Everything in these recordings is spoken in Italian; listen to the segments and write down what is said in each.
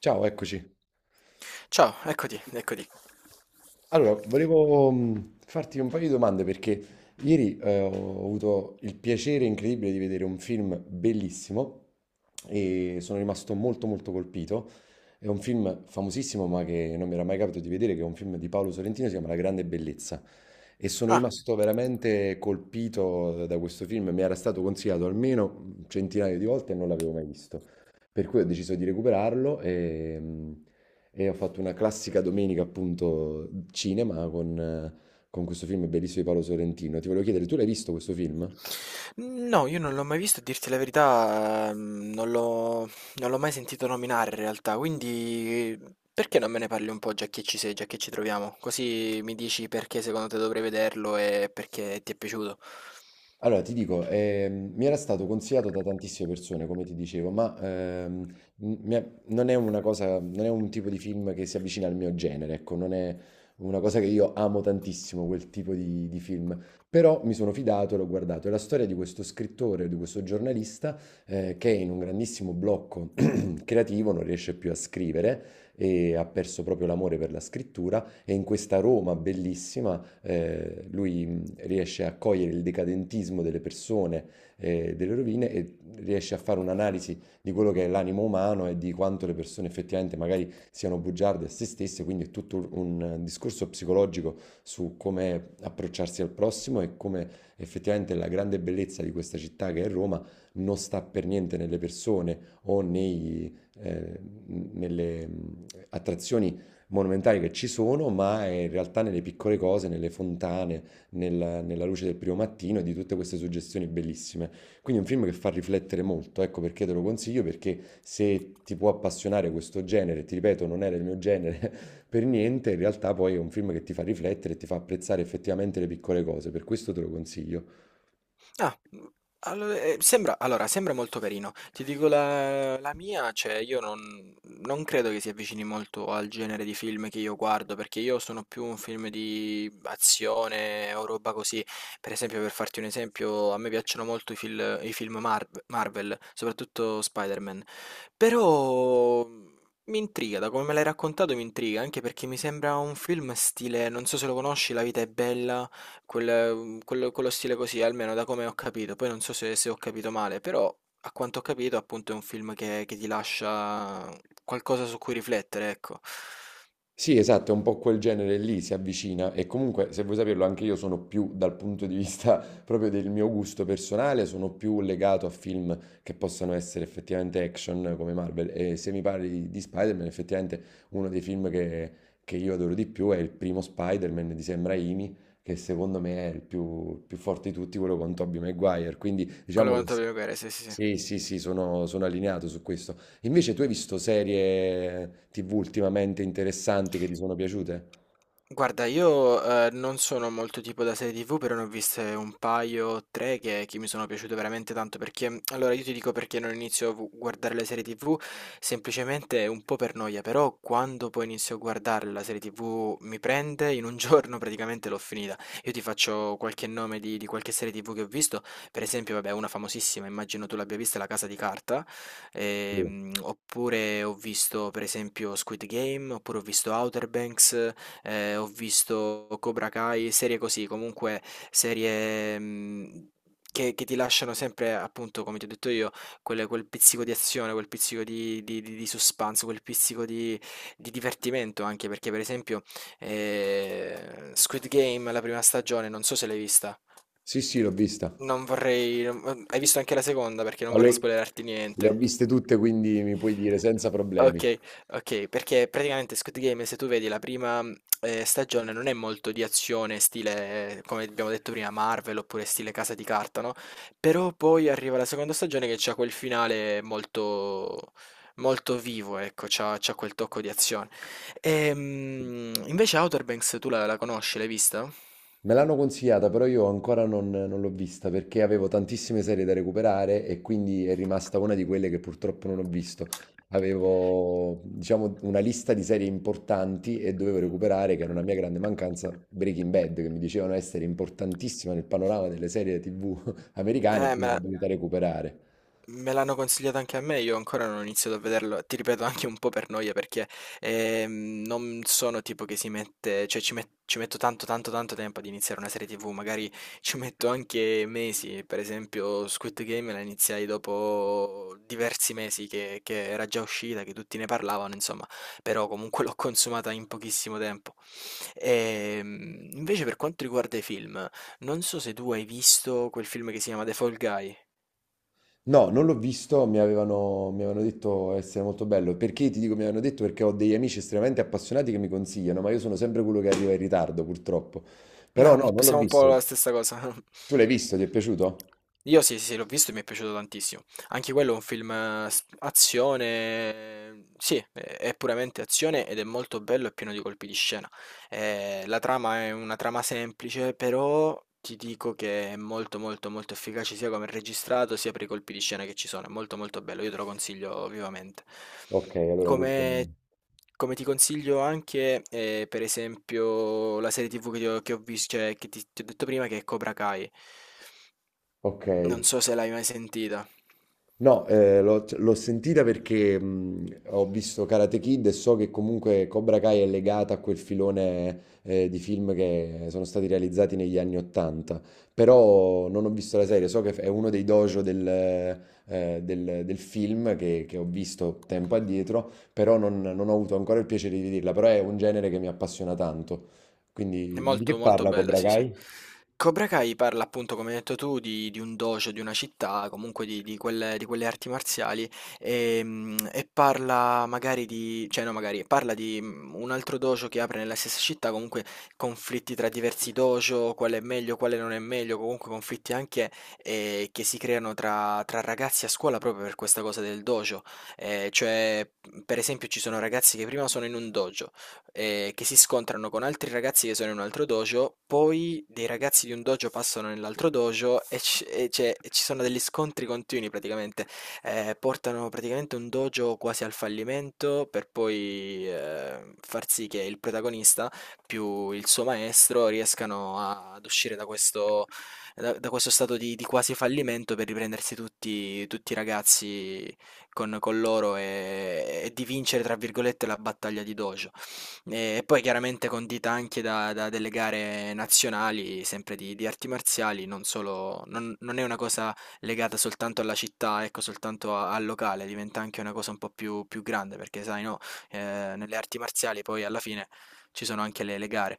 Ciao, eccoci. Ciao, eccoti. Allora, volevo farti un paio di domande perché ieri ho avuto il piacere incredibile di vedere un film bellissimo e sono rimasto molto molto colpito. È un film famosissimo, ma che non mi era mai capitato di vedere, che è un film di Paolo Sorrentino, si chiama La grande bellezza. E sono Ah, rimasto veramente colpito da questo film. Mi era stato consigliato almeno centinaia di volte e non l'avevo mai visto. Per cui ho deciso di recuperarlo e ho fatto una classica domenica, appunto, cinema con questo film bellissimo di Paolo Sorrentino. Ti volevo chiedere, tu l'hai visto questo film? no, io non l'ho mai visto, a dirti la verità, mm, non l'ho mai sentito nominare in realtà, quindi perché non me ne parli un po' già che ci sei, già che ci troviamo? Così mi dici perché secondo te dovrei vederlo e perché ti è piaciuto. Allora, ti dico, mi era stato consigliato da tantissime persone, come ti dicevo, ma non è una cosa, non è un tipo di film che si avvicina al mio genere, ecco, non è una cosa che io amo tantissimo, quel tipo di film. Però mi sono fidato e l'ho guardato. È la storia di questo scrittore, di questo giornalista che è in un grandissimo blocco creativo, non riesce più a scrivere e ha perso proprio l'amore per la scrittura e in questa Roma bellissima lui riesce a cogliere il decadentismo delle persone e delle rovine e riesce a fare un'analisi di quello che è l'animo umano e di quanto le persone effettivamente magari siano bugiarde a se stesse, quindi è tutto un discorso psicologico su come approcciarsi al prossimo e come effettivamente la grande bellezza di questa città che è Roma non sta per niente nelle persone o eh, nelle attrazioni monumentali che ci sono, ma in realtà nelle piccole cose, nelle fontane, nella luce del primo mattino e di tutte queste suggestioni bellissime. Quindi è un film che fa riflettere molto, ecco perché te lo consiglio, perché se ti può appassionare questo genere, ti ripeto, non era il mio genere per niente, in realtà poi è un film che ti fa riflettere e ti fa apprezzare effettivamente le piccole cose, per questo te lo consiglio. Ah, mhmm, allo sembra sembra molto carino. Ti dico la mia, cioè io non credo che si avvicini molto al genere di film che io guardo, perché io sono più un film di azione o roba così. Per esempio, per farti un esempio, a me piacciono molto i film Marvel, soprattutto Spider-Man. Però, mhmm, mi intriga, da come me l'hai raccontato mi intriga, anche perché mi sembra un film stile, non so se lo conosci, La vita è bella. Quello, quello stile così, almeno da come ho capito. Poi non so se, se ho capito male, però a quanto ho capito, appunto, è un film che ti lascia qualcosa su cui riflettere, ecco. Sì, esatto, è un po' quel genere lì, si avvicina e comunque, se vuoi saperlo, anche io sono più dal punto di vista proprio del mio gusto personale, sono più legato a film che possano essere effettivamente action come Marvel e se mi parli di Spider-Man, effettivamente uno dei film che io adoro di più è il primo Spider-Man di Sam Raimi, che secondo me è il più forte di tutti, quello con Tobey Maguire, quindi Quello diciamo che quanto abbiamo capito, sì, sì, sì. sì, sì, sì, sono allineato su questo. Invece tu hai visto serie TV ultimamente interessanti che ti sono piaciute? Guarda, io, non sono molto tipo da serie TV, però ne ho viste un paio, 3 che mi sono piaciute veramente tanto, perché allora io ti dico perché non inizio a vu guardare le serie TV, semplicemente un po' per noia, però quando poi inizio a guardare la serie TV mi prende, in un giorno praticamente l'ho finita. Io ti faccio qualche nome di qualche serie TV che ho visto, per esempio vabbè una famosissima, immagino tu l'abbia vista, La Casa di Carta, Sì, oppure ho visto per esempio Squid Game, oppure ho visto Outer Banks, ho visto Cobra Kai, serie così, comunque serie, mhmm, che ti lasciano sempre, appunto, come ti ho detto io, quel pizzico di azione, quel pizzico di suspense, quel pizzico di divertimento anche, perché per esempio, Squid Game, la prima stagione, non so se l'hai vista. sì, sì, l'ho vista. Non vorrei non Hai visto anche la seconda? Perché non Ma vorrei spoilerarti le ho niente. viste tutte, quindi mi puoi dire senza problemi. Okay, okay, perché praticamente Squid Game se tu vedi la prima, mhmm, stagione, non è molto di azione stile, come abbiamo detto prima, Marvel oppure stile Casa di Carta, no, però poi arriva la seconda stagione che c'ha quel finale molto vivo, ecco, c'ha quel tocco di azione. Invece Outer Banks tu la conosci? L'hai vista? Me l'hanno consigliata, però io ancora non l'ho vista perché avevo tantissime serie da recuperare e quindi è rimasta una di quelle che purtroppo non ho visto. Avevo, diciamo, una lista di serie importanti e dovevo recuperare, che era una mia grande mancanza, Breaking Bad, che mi dicevano essere importantissima nel panorama delle serie TV americane e Eh, me quindi l'ho la- dovuta recuperare. Me l'hanno consigliato anche a me, io ancora non ho iniziato a vederlo, ti ripeto, anche un po' per noia, perché non sono tipo che si mette, cioè ci, ci metto tanto tempo ad iniziare una serie TV, magari ci metto anche mesi, per esempio Squid Game la iniziai dopo diversi mesi che era già uscita, che tutti ne parlavano, insomma, però comunque l'ho consumata in pochissimo tempo. Invece per quanto riguarda i film, non so se tu hai visto quel film che si chiama The Fall Guy. No, non l'ho visto, mi avevano detto essere molto bello. Perché ti dico mi avevano detto? Perché ho degli amici estremamente appassionati che mi consigliano, ma io sono sempre quello che arriva in ritardo, purtroppo. Però no, non l'ho Siamo un po' visto. la stessa cosa. Tu l'hai visto? Ti è piaciuto? Io sì, sì, sì, l'ho visto e mi è piaciuto tantissimo. Anche quello è un film, azione, sì, è puramente azione ed è molto bello e pieno di colpi di scena. La trama è una trama semplice, però ti dico che è molto, molto, molto efficace, sia come è registrato, sia per i colpi di scena che ci sono. È molto, molto bello, io te lo consiglio vivamente. Ok, allora questo... Come, come ti consiglio anche, per esempio, la serie TV che ho cioè, che ti ho detto prima, che è Cobra Kai. Ok. Non so se l'hai mai sentita. No, l'ho sentita perché ho visto Karate Kid e so che comunque Cobra Kai è legata a quel filone di film che sono stati realizzati negli anni Ottanta, però non ho visto la serie, so che è uno dei dojo del film che ho visto tempo addietro, però non ho avuto ancora il piacere di vederla, però è un genere che mi appassiona tanto. È Quindi di che molto, molto parla bella, Cobra sì, sì. Kai? Cobra Kai parla, appunto, come hai detto tu, di un dojo, di una città, comunque di quelle arti marziali e, mm, e parla magari di, cioè no, magari parla di, mm, un altro dojo che apre nella stessa città, comunque conflitti tra diversi dojo, quale è meglio, quale non è meglio, comunque conflitti anche, che si creano tra ragazzi a scuola proprio per questa cosa del dojo. Cioè, per esempio, ci sono ragazzi che prima sono in un dojo, che si scontrano con altri ragazzi che sono in un altro dojo, poi dei ragazzi di un dojo passano nell'altro dojo e ci sono degli scontri continui praticamente. Portano praticamente un dojo quasi al fallimento per poi, far sì che il protagonista, più il suo maestro, riescano ad uscire da questo, da questo stato di quasi fallimento, per riprendersi tutti i ragazzi con loro e di vincere, tra virgolette, la battaglia di dojo. E poi chiaramente condita anche da delle gare nazionali, sempre di arti marziali, non solo, non, non è una cosa legata soltanto alla città, ecco, soltanto al locale, diventa anche una cosa un po' più, più grande, perché sai, no, nelle arti marziali poi alla fine ci sono anche le gare.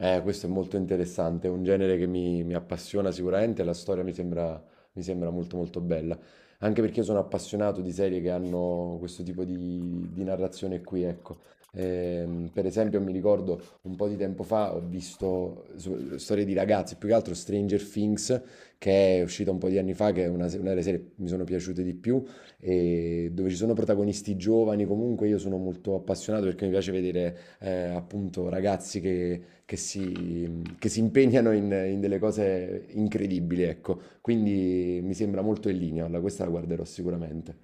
Questo è molto interessante, è un genere che mi appassiona sicuramente, la storia mi sembra molto molto bella, anche perché io sono appassionato di serie che hanno questo tipo di narrazione qui, ecco. Per esempio mi ricordo un po' di tempo fa storie di ragazzi, più che altro Stranger Things, che è uscita un po' di anni fa, che è una, se- una delle serie che mi sono piaciute di più, e dove ci sono protagonisti giovani, comunque io sono molto appassionato perché mi piace vedere appunto ragazzi che si impegnano in delle cose incredibili, ecco. Quindi mi sembra molto in linea, questa la guarderò sicuramente.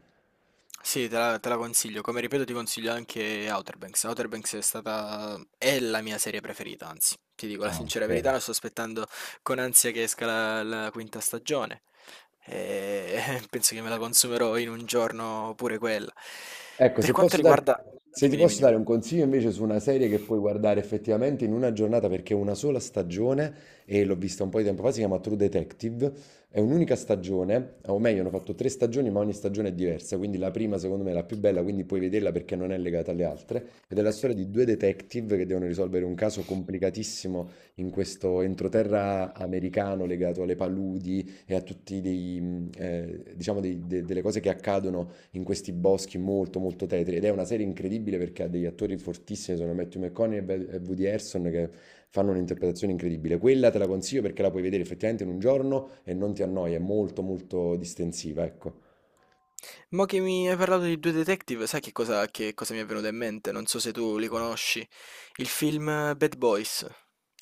Sì, te la consiglio. Come ripeto, ti consiglio anche Outer Banks. Outer Banks è stata, è la mia serie preferita, anzi, ti dico la Ah, sincera ok. verità, la sto aspettando con ansia che esca la quinta stagione. E penso che me la consumerò in un giorno pure quella. Ecco, Per quanto riguarda... se ti Dimmi, dimmi, posso dimmi. dare un consiglio invece su una serie che puoi guardare effettivamente in una giornata perché è una sola stagione e l'ho vista un po' di tempo fa, si chiama True Detective, è un'unica stagione, o meglio, hanno fatto tre stagioni ma ogni stagione è diversa, quindi la prima secondo me è la più bella, quindi puoi vederla perché non è legata alle altre, ed è la storia di due detective che devono risolvere un caso complicatissimo in questo entroterra americano legato alle paludi e a tutti diciamo delle cose che accadono in questi boschi molto molto tetri ed è una serie incredibile perché ha degli attori fortissimi, sono Matthew McConaughey e Woody Harrelson che fanno un'interpretazione incredibile. Quella te la consiglio perché la puoi vedere effettivamente in un giorno e non ti annoia, è molto molto distensiva, ecco. Mo che mi hai parlato di due detective, sai che cosa mi è venuto in mente? Non so se tu li conosci. Il film, Bad Boys.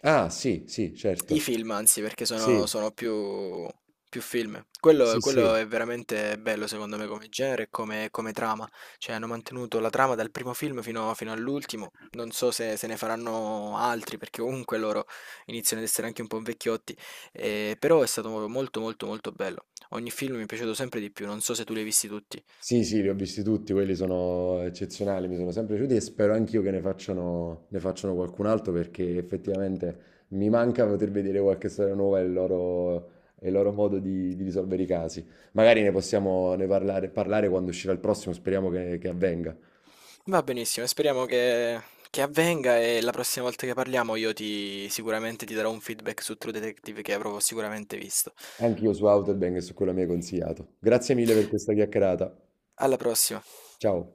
Ah, sì, sì, I certo. film, anzi, perché sono, Sì, più film. Quello, sì, quello sì. è veramente bello, secondo me, come genere e come, come trama. Cioè, hanno mantenuto la trama dal primo film fino, fino all'ultimo. Non so se, se ne faranno altri, perché comunque loro iniziano ad essere anche un po' vecchiotti. Però è stato molto, molto, molto bello. Ogni film mi è piaciuto sempre di più. Non so se tu li hai visti tutti. Sì, sì, li ho visti tutti, quelli sono eccezionali, mi sono sempre piaciuti e spero anch'io che ne facciano qualcun altro perché effettivamente mi manca poter vedere qualche storia nuova e il loro modo di risolvere i casi. Magari ne parlare, parlare quando uscirà il prossimo, speriamo che avvenga. Va benissimo, speriamo che avvenga e la prossima volta che parliamo io ti sicuramente ti darò un feedback su True Detective che avrò sicuramente visto. Anche io su Outer Banks e su quello mi hai consigliato. Grazie mille per questa chiacchierata. Alla prossima. Ciao.